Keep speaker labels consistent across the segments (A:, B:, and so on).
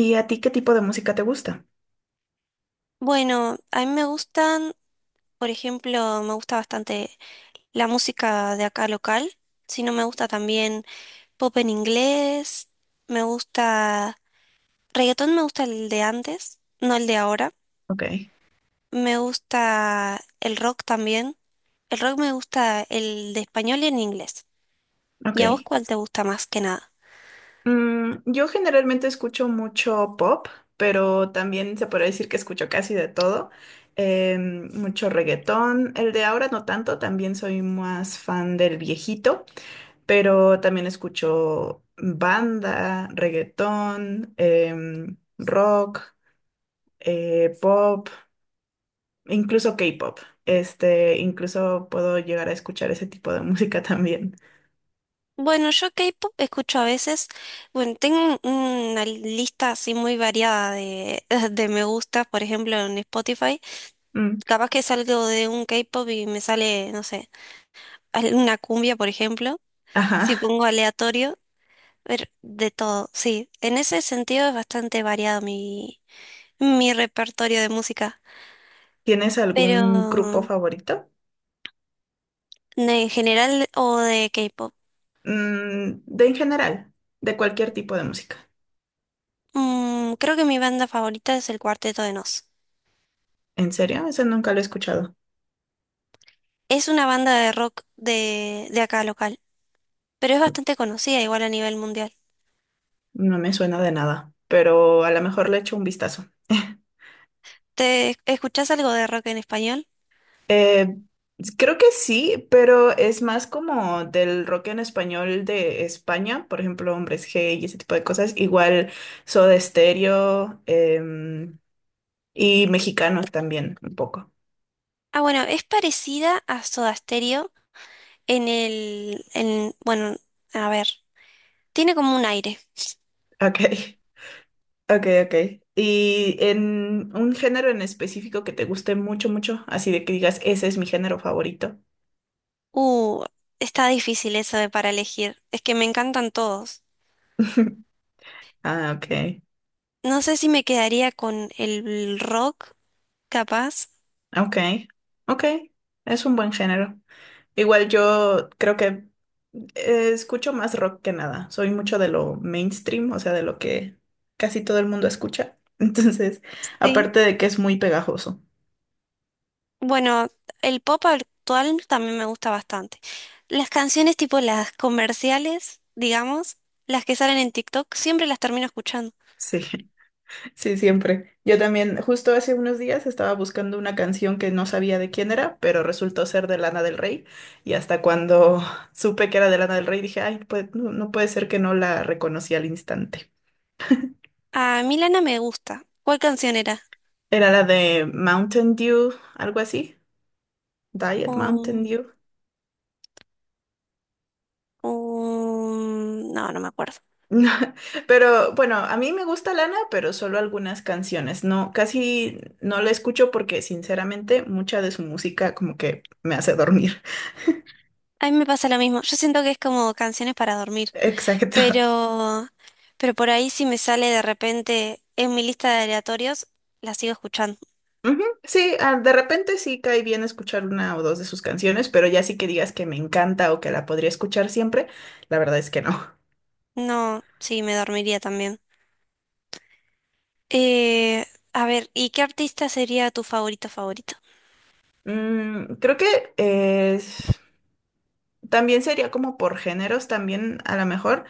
A: ¿Y a ti qué tipo de música te gusta?
B: Bueno, a mí me gustan, por ejemplo, me gusta bastante la música de acá local, si no me gusta también pop en inglés, me gusta reggaetón, me gusta el de antes, no el de ahora,
A: Ok.
B: me gusta el rock también, el rock me gusta el de español y en inglés.
A: Ok.
B: ¿Y a vos cuál te gusta más que nada?
A: Yo generalmente escucho mucho pop, pero también se podría decir que escucho casi de todo. Mucho reggaetón. El de ahora no tanto, también soy más fan del viejito, pero también escucho banda, reggaetón, rock, pop, incluso K-pop. Incluso puedo llegar a escuchar ese tipo de música también.
B: Bueno, yo K-pop escucho a veces, bueno, tengo una lista así muy variada de me gusta, por ejemplo, en Spotify.
A: Mm,
B: Capaz que salgo de un K-pop y me sale, no sé, una cumbia, por ejemplo.
A: ajá.
B: Si pongo aleatorio, ver de todo. Sí, en ese sentido es bastante variado mi repertorio de música.
A: ¿Tienes
B: Pero
A: algún grupo favorito?
B: en general o de K-pop.
A: Mm, de en general, de cualquier tipo de música.
B: Mm, creo que mi banda favorita es el Cuarteto de Nos.
A: ¿En serio? Ese nunca lo he escuchado.
B: Es una banda de rock de acá local, pero es bastante conocida igual a nivel mundial.
A: No me suena de nada, pero a lo mejor le echo un vistazo.
B: ¿Te escuchás algo de rock en español?
A: Eh, Creo que sí, pero es más como del rock en español de España, por ejemplo, Hombres G y ese tipo de cosas. Igual Soda Stereo, y mexicanos también, un poco.
B: Ah, bueno, es parecida a Soda Stereo. Bueno, a ver, tiene como un aire.
A: Ok. Ok, ok. ¿Y en un género en específico que te guste mucho, mucho? Así de que digas, ese es mi género favorito.
B: Uh, Está difícil eso de para elegir. Es que me encantan todos.
A: Ah, ok.
B: No sé si me quedaría con el rock, capaz.
A: Ok. Ok. Es un buen género. Igual yo creo que escucho más rock que nada. Soy mucho de lo mainstream, o sea, de lo que casi todo el mundo escucha. Entonces,
B: Sí.
A: aparte de que es muy pegajoso.
B: Bueno, el pop actual también me gusta bastante. Las canciones tipo las comerciales, digamos, las que salen en TikTok, siempre las termino escuchando.
A: Sí. Sí, siempre. Yo también, justo hace unos días estaba buscando una canción que no sabía de quién era, pero resultó ser de Lana del Rey. Y hasta cuando supe que era de Lana del Rey, dije, ay, pues no, no puede ser que no la reconocí al instante.
B: A Milana me gusta. ¿Cuál canción era?
A: Era la de Mountain Dew, algo así. Diet Mountain
B: Um,
A: Dew.
B: no, no me acuerdo.
A: Pero bueno, a mí me gusta Lana, pero solo algunas canciones. No, casi no la escucho porque sinceramente mucha de su música como que me hace dormir.
B: A mí me pasa lo mismo. Yo siento que es como canciones para dormir,
A: Exacto.
B: pero, pero por ahí si me sale de repente en mi lista de aleatorios, la sigo escuchando.
A: Ujú, sí, ah, de repente sí cae bien escuchar una o dos de sus canciones, pero ya sí que digas que me encanta o que la podría escuchar siempre, la verdad es que no.
B: No, sí, me dormiría también. Eh, a ver, ¿y qué artista sería tu favorito favorito?
A: Mm, creo que eh, también sería como por géneros, también a lo mejor.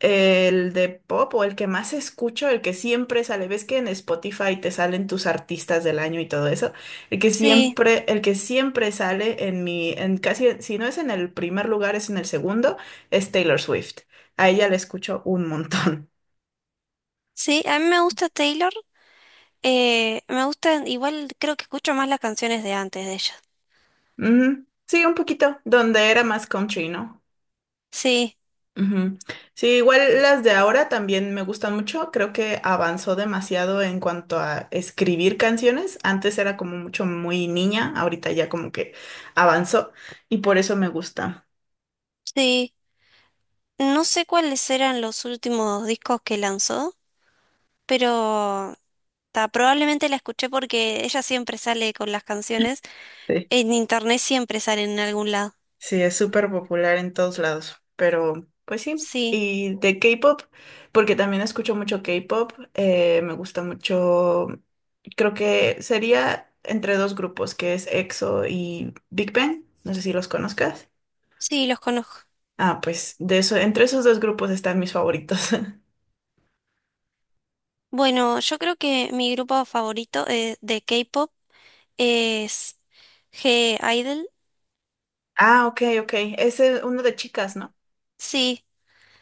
A: El de pop o el que más escucho, el que siempre sale, ves que en Spotify te salen tus artistas del año y todo eso,
B: Sí,
A: el que siempre sale en mi, en casi, si no es en el primer lugar, es en el segundo, es Taylor Swift. A ella la escucho un montón.
B: sí, a mí me gusta Taylor. Me gustan, igual creo que escucho más las canciones de antes de ella.
A: Ujú. Sí, un poquito, donde era más country, ¿no?
B: Sí,
A: Ujú. Sí, igual las de ahora también me gustan mucho. Creo que avanzó demasiado en cuanto a escribir canciones. Antes era como mucho muy niña, ahorita ya como que avanzó y por eso me gusta.
B: sí. No sé cuáles eran los últimos discos que lanzó, pero ta, probablemente la escuché porque ella siempre sale con las canciones.
A: Sí,
B: En internet siempre salen en algún lado.
A: sí, es súper popular en todos lados. Pero, pues sí.
B: Sí,
A: Y de K-pop, porque también escucho mucho K-pop, me gusta mucho. Creo que sería entre dos grupos, que es EXO y Big Bang. No sé si los conozcas.
B: sí, los conozco.
A: Ah, pues de eso, entre esos dos grupos están mis favoritos.
B: Bueno, yo creo que mi grupo favorito de K-pop es G-Idol.
A: Ah, ok, ok. Ese es uno de chicas, ¿no?
B: Sí,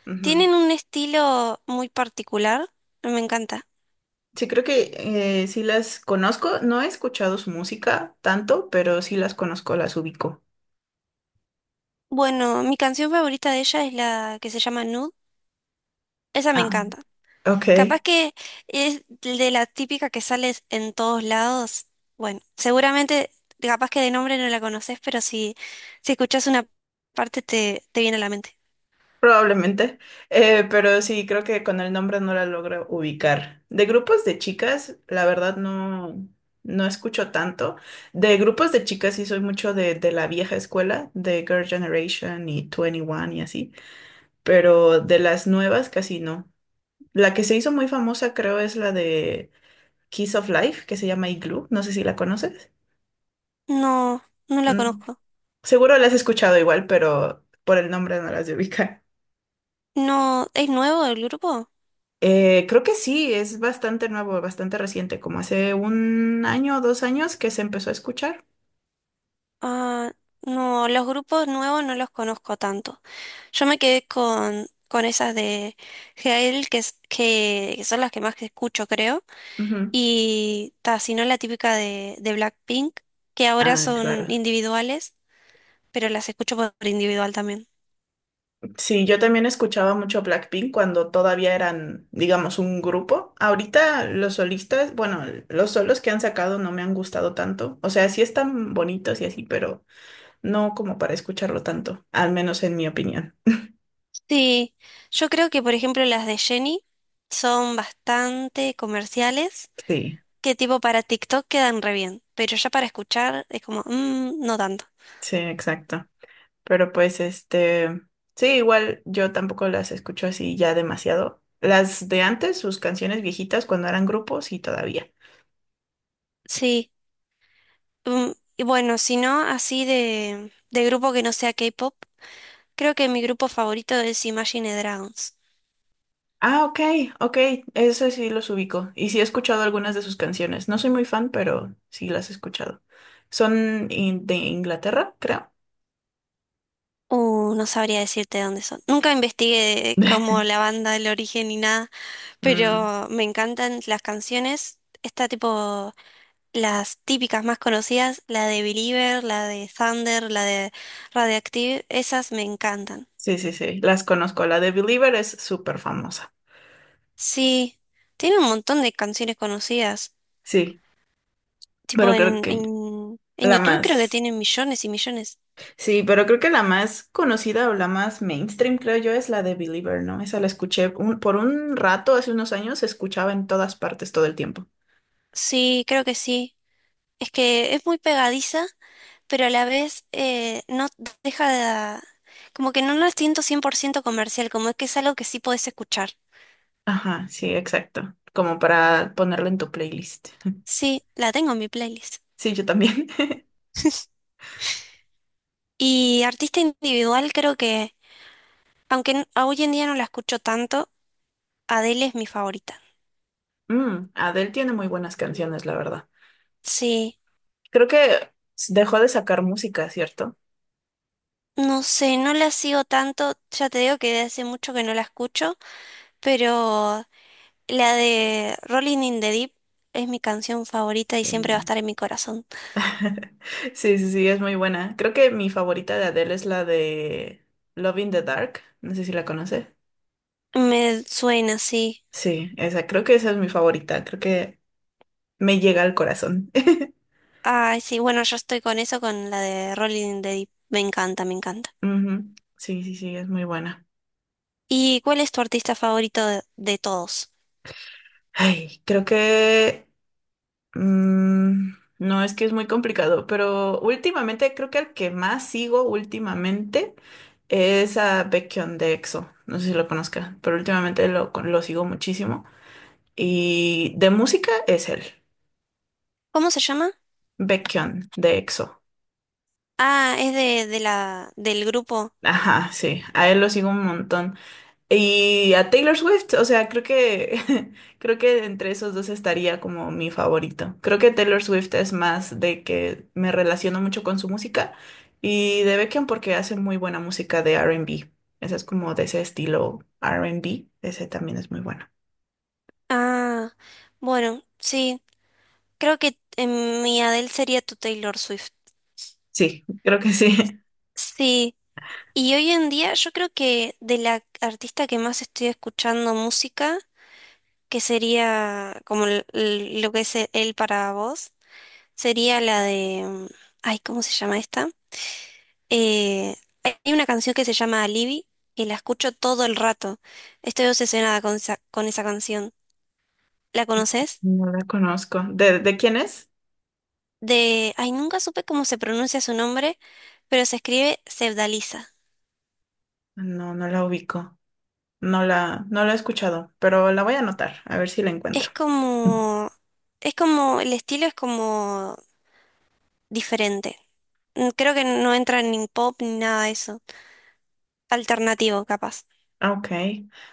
A: Ujú.
B: tienen un estilo muy particular. Me encanta.
A: Sí, creo que sí las conozco. No he escuchado su música tanto, pero sí las conozco, las ubico.
B: Bueno, mi canción favorita de ella es la que se llama Nude. Esa me
A: Ah,
B: encanta.
A: ok,
B: Capaz que es de la típica que sales en todos lados. Bueno, seguramente, capaz que de nombre no la conoces, pero si escuchas una parte te viene a la mente.
A: probablemente. Pero sí, creo que con el nombre no la logro ubicar. De grupos de chicas, la verdad no, no escucho tanto. De grupos de chicas sí soy mucho de la vieja escuela, de Girl Generation y 21 y así. Pero de las nuevas casi no. La que se hizo muy famosa creo es la de Kiss of Life, que se llama Igloo, no sé si la conoces.
B: No, no la
A: Mm,
B: conozco.
A: seguro la has escuchado igual, pero por el nombre no las de ubicar.
B: No, ¿es nuevo el grupo?
A: Creo que sí, es bastante nuevo, bastante reciente, como hace un año o dos años que se empezó a escuchar.
B: Ah, no, los grupos nuevos no los conozco tanto. Yo me quedé con esas de Gael, que son las que más que escucho, creo.
A: Ujú.
B: Y ta, si no la típica de Blackpink, que ahora
A: Ah,
B: son
A: claro.
B: individuales. Pero las escucho por individual también.
A: Sí, yo también escuchaba mucho Blackpink cuando todavía eran, digamos, un grupo. Ahorita los solistas, bueno, los solos que han sacado no me han gustado tanto. O sea, sí están bonitos y así, pero no como para escucharlo tanto, al menos en mi opinión.
B: Sí, yo creo que por ejemplo las de Jenny son bastante comerciales,
A: Sí,
B: que tipo para TikTok quedan re bien, pero ya para escuchar es como, "Mm, no tanto".
A: sí, exacto. Pero pues sí, igual yo tampoco las escucho así ya demasiado. Las de antes, sus canciones viejitas cuando eran grupos, sí, todavía.
B: Sí, mm, y bueno, si no, así de grupo que no sea K-pop, creo que mi grupo favorito es Imagine Dragons.
A: Ah, ok, ok, eso sí los ubico. Y sí he escuchado algunas de sus canciones. No soy muy fan, pero sí las he escuchado. Son in- de Inglaterra, creo.
B: No sabría decirte dónde son. Nunca investigué como la banda, el origen ni nada,
A: Mm,
B: pero me encantan las canciones. Está tipo las típicas más conocidas, la de Believer, la de Thunder, la de Radioactive, esas me encantan.
A: sí, sí, sí, las conozco. La de Believer es súper famosa.
B: Sí, tiene un montón de canciones conocidas.
A: Sí,
B: Tipo
A: pero creo que
B: en
A: la
B: YouTube creo que
A: más...
B: tienen millones y millones.
A: Sí, pero creo que la más conocida o la más mainstream, creo yo, es la de Believer, ¿no? Esa la escuché un- por un rato, hace unos años, se escuchaba en todas partes todo el tiempo.
B: Sí, creo que sí. Es que es muy pegadiza, pero a la vez no deja de... Como que no la siento 100% comercial, como es que es algo que sí podés escuchar.
A: Ajá, sí, exacto. Como para ponerla en tu playlist.
B: Sí, la tengo en mi playlist.
A: Sí, yo también.
B: Y artista individual creo que... Aunque n- a hoy en día no la escucho tanto, Adele es mi favorita.
A: Mm, Adele tiene muy buenas canciones, la verdad.
B: Sí,
A: Creo que dejó de sacar música, ¿cierto?
B: no sé, no la sigo tanto, ya te digo que de hace mucho que no la escucho, pero la de Rolling in the Deep es mi canción favorita y siempre va a
A: Sí.
B: estar en mi corazón.
A: Sí, sí, sí, es muy buena. Creo que mi favorita de Adele es la de Love in the Dark. No sé si la conoce.
B: Me suena, sí.
A: Sí, esa, creo que esa es mi favorita. Creo que me llega al corazón.
B: Ay, sí, bueno, yo estoy con eso, con la de Rolling in the Deep. Me encanta, me encanta.
A: Ujú. Sí, sí, sí, es muy buena.
B: ¿Y cuál es tu artista favorito de todos?
A: Ay, creo que Mm, no, es que es muy complicado, pero últimamente creo que el que más sigo últimamente es a Baekhyun de EXO. No sé si lo conozca, pero últimamente lo sigo muchísimo. Y de música es él,
B: ¿Cómo se llama?
A: Baekhyun de EXO.
B: Ah, es del grupo.
A: Ajá, sí, a él lo sigo un montón. Y a Taylor Swift, o sea, creo que creo que entre esos dos estaría como mi favorito. Creo que Taylor Swift es más de que me relaciono mucho con su música y de Beckham porque hace muy buena música de R&B. Esa es como de ese estilo R&B, ese también es muy bueno.
B: Ah, bueno, sí. Creo que mi Adele sería tu Taylor Swift.
A: Sí, creo que sí.
B: Sí, y hoy en día yo creo que de la artista que más estoy escuchando música, que sería como lo que es él para vos, sería la de... mm, ay, ¿cómo se llama esta? Eh, Hay una canción que se llama Alibi y la escucho todo el rato. Estoy obsesionada con esa canción. ¿La conoces?
A: No la conozco. De quién es?
B: De... Ay, nunca supe cómo se pronuncia su nombre, pero se escribe Sevdaliza.
A: No, no la ubico. No la he escuchado, pero la voy a anotar, a ver si la encuentro.
B: Es como, es como, el estilo es como diferente. Mm, creo que no entra ni pop ni nada de eso. Alternativo, capaz.
A: Ah, ok,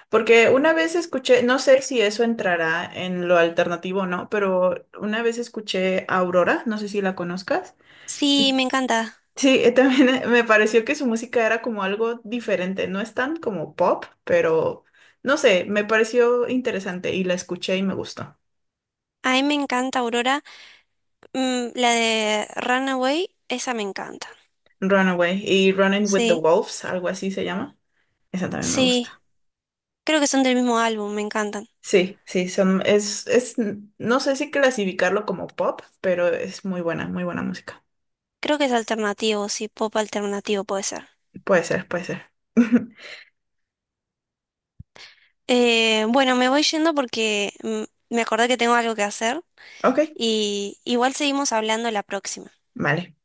A: porque una vez escuché, no sé si eso entrará en lo alternativo o no, pero una vez escuché a Aurora, no sé si la conozcas.
B: Sí,
A: Y
B: me encanta.
A: sí, también me pareció que su música era como algo diferente, no es tan como pop, pero no sé, me pareció interesante y la escuché y me gustó.
B: A mí me encanta Aurora. Mm, la de Runaway, esa me encanta.
A: Runaway y Running with the
B: Sí,
A: Wolves, algo así se llama. Esa también me
B: sí.
A: gusta.
B: Creo que son del mismo álbum, me encantan.
A: Sí, sí, son, es, no sé si clasificarlo como pop, pero es muy buena música.
B: Creo que es alternativo, sí, pop alternativo puede ser.
A: Puede ser, puede ser.
B: Bueno, me voy yendo porque mm, me acordé que tengo algo que hacer
A: Ok,
B: y igual seguimos hablando la próxima.
A: vale.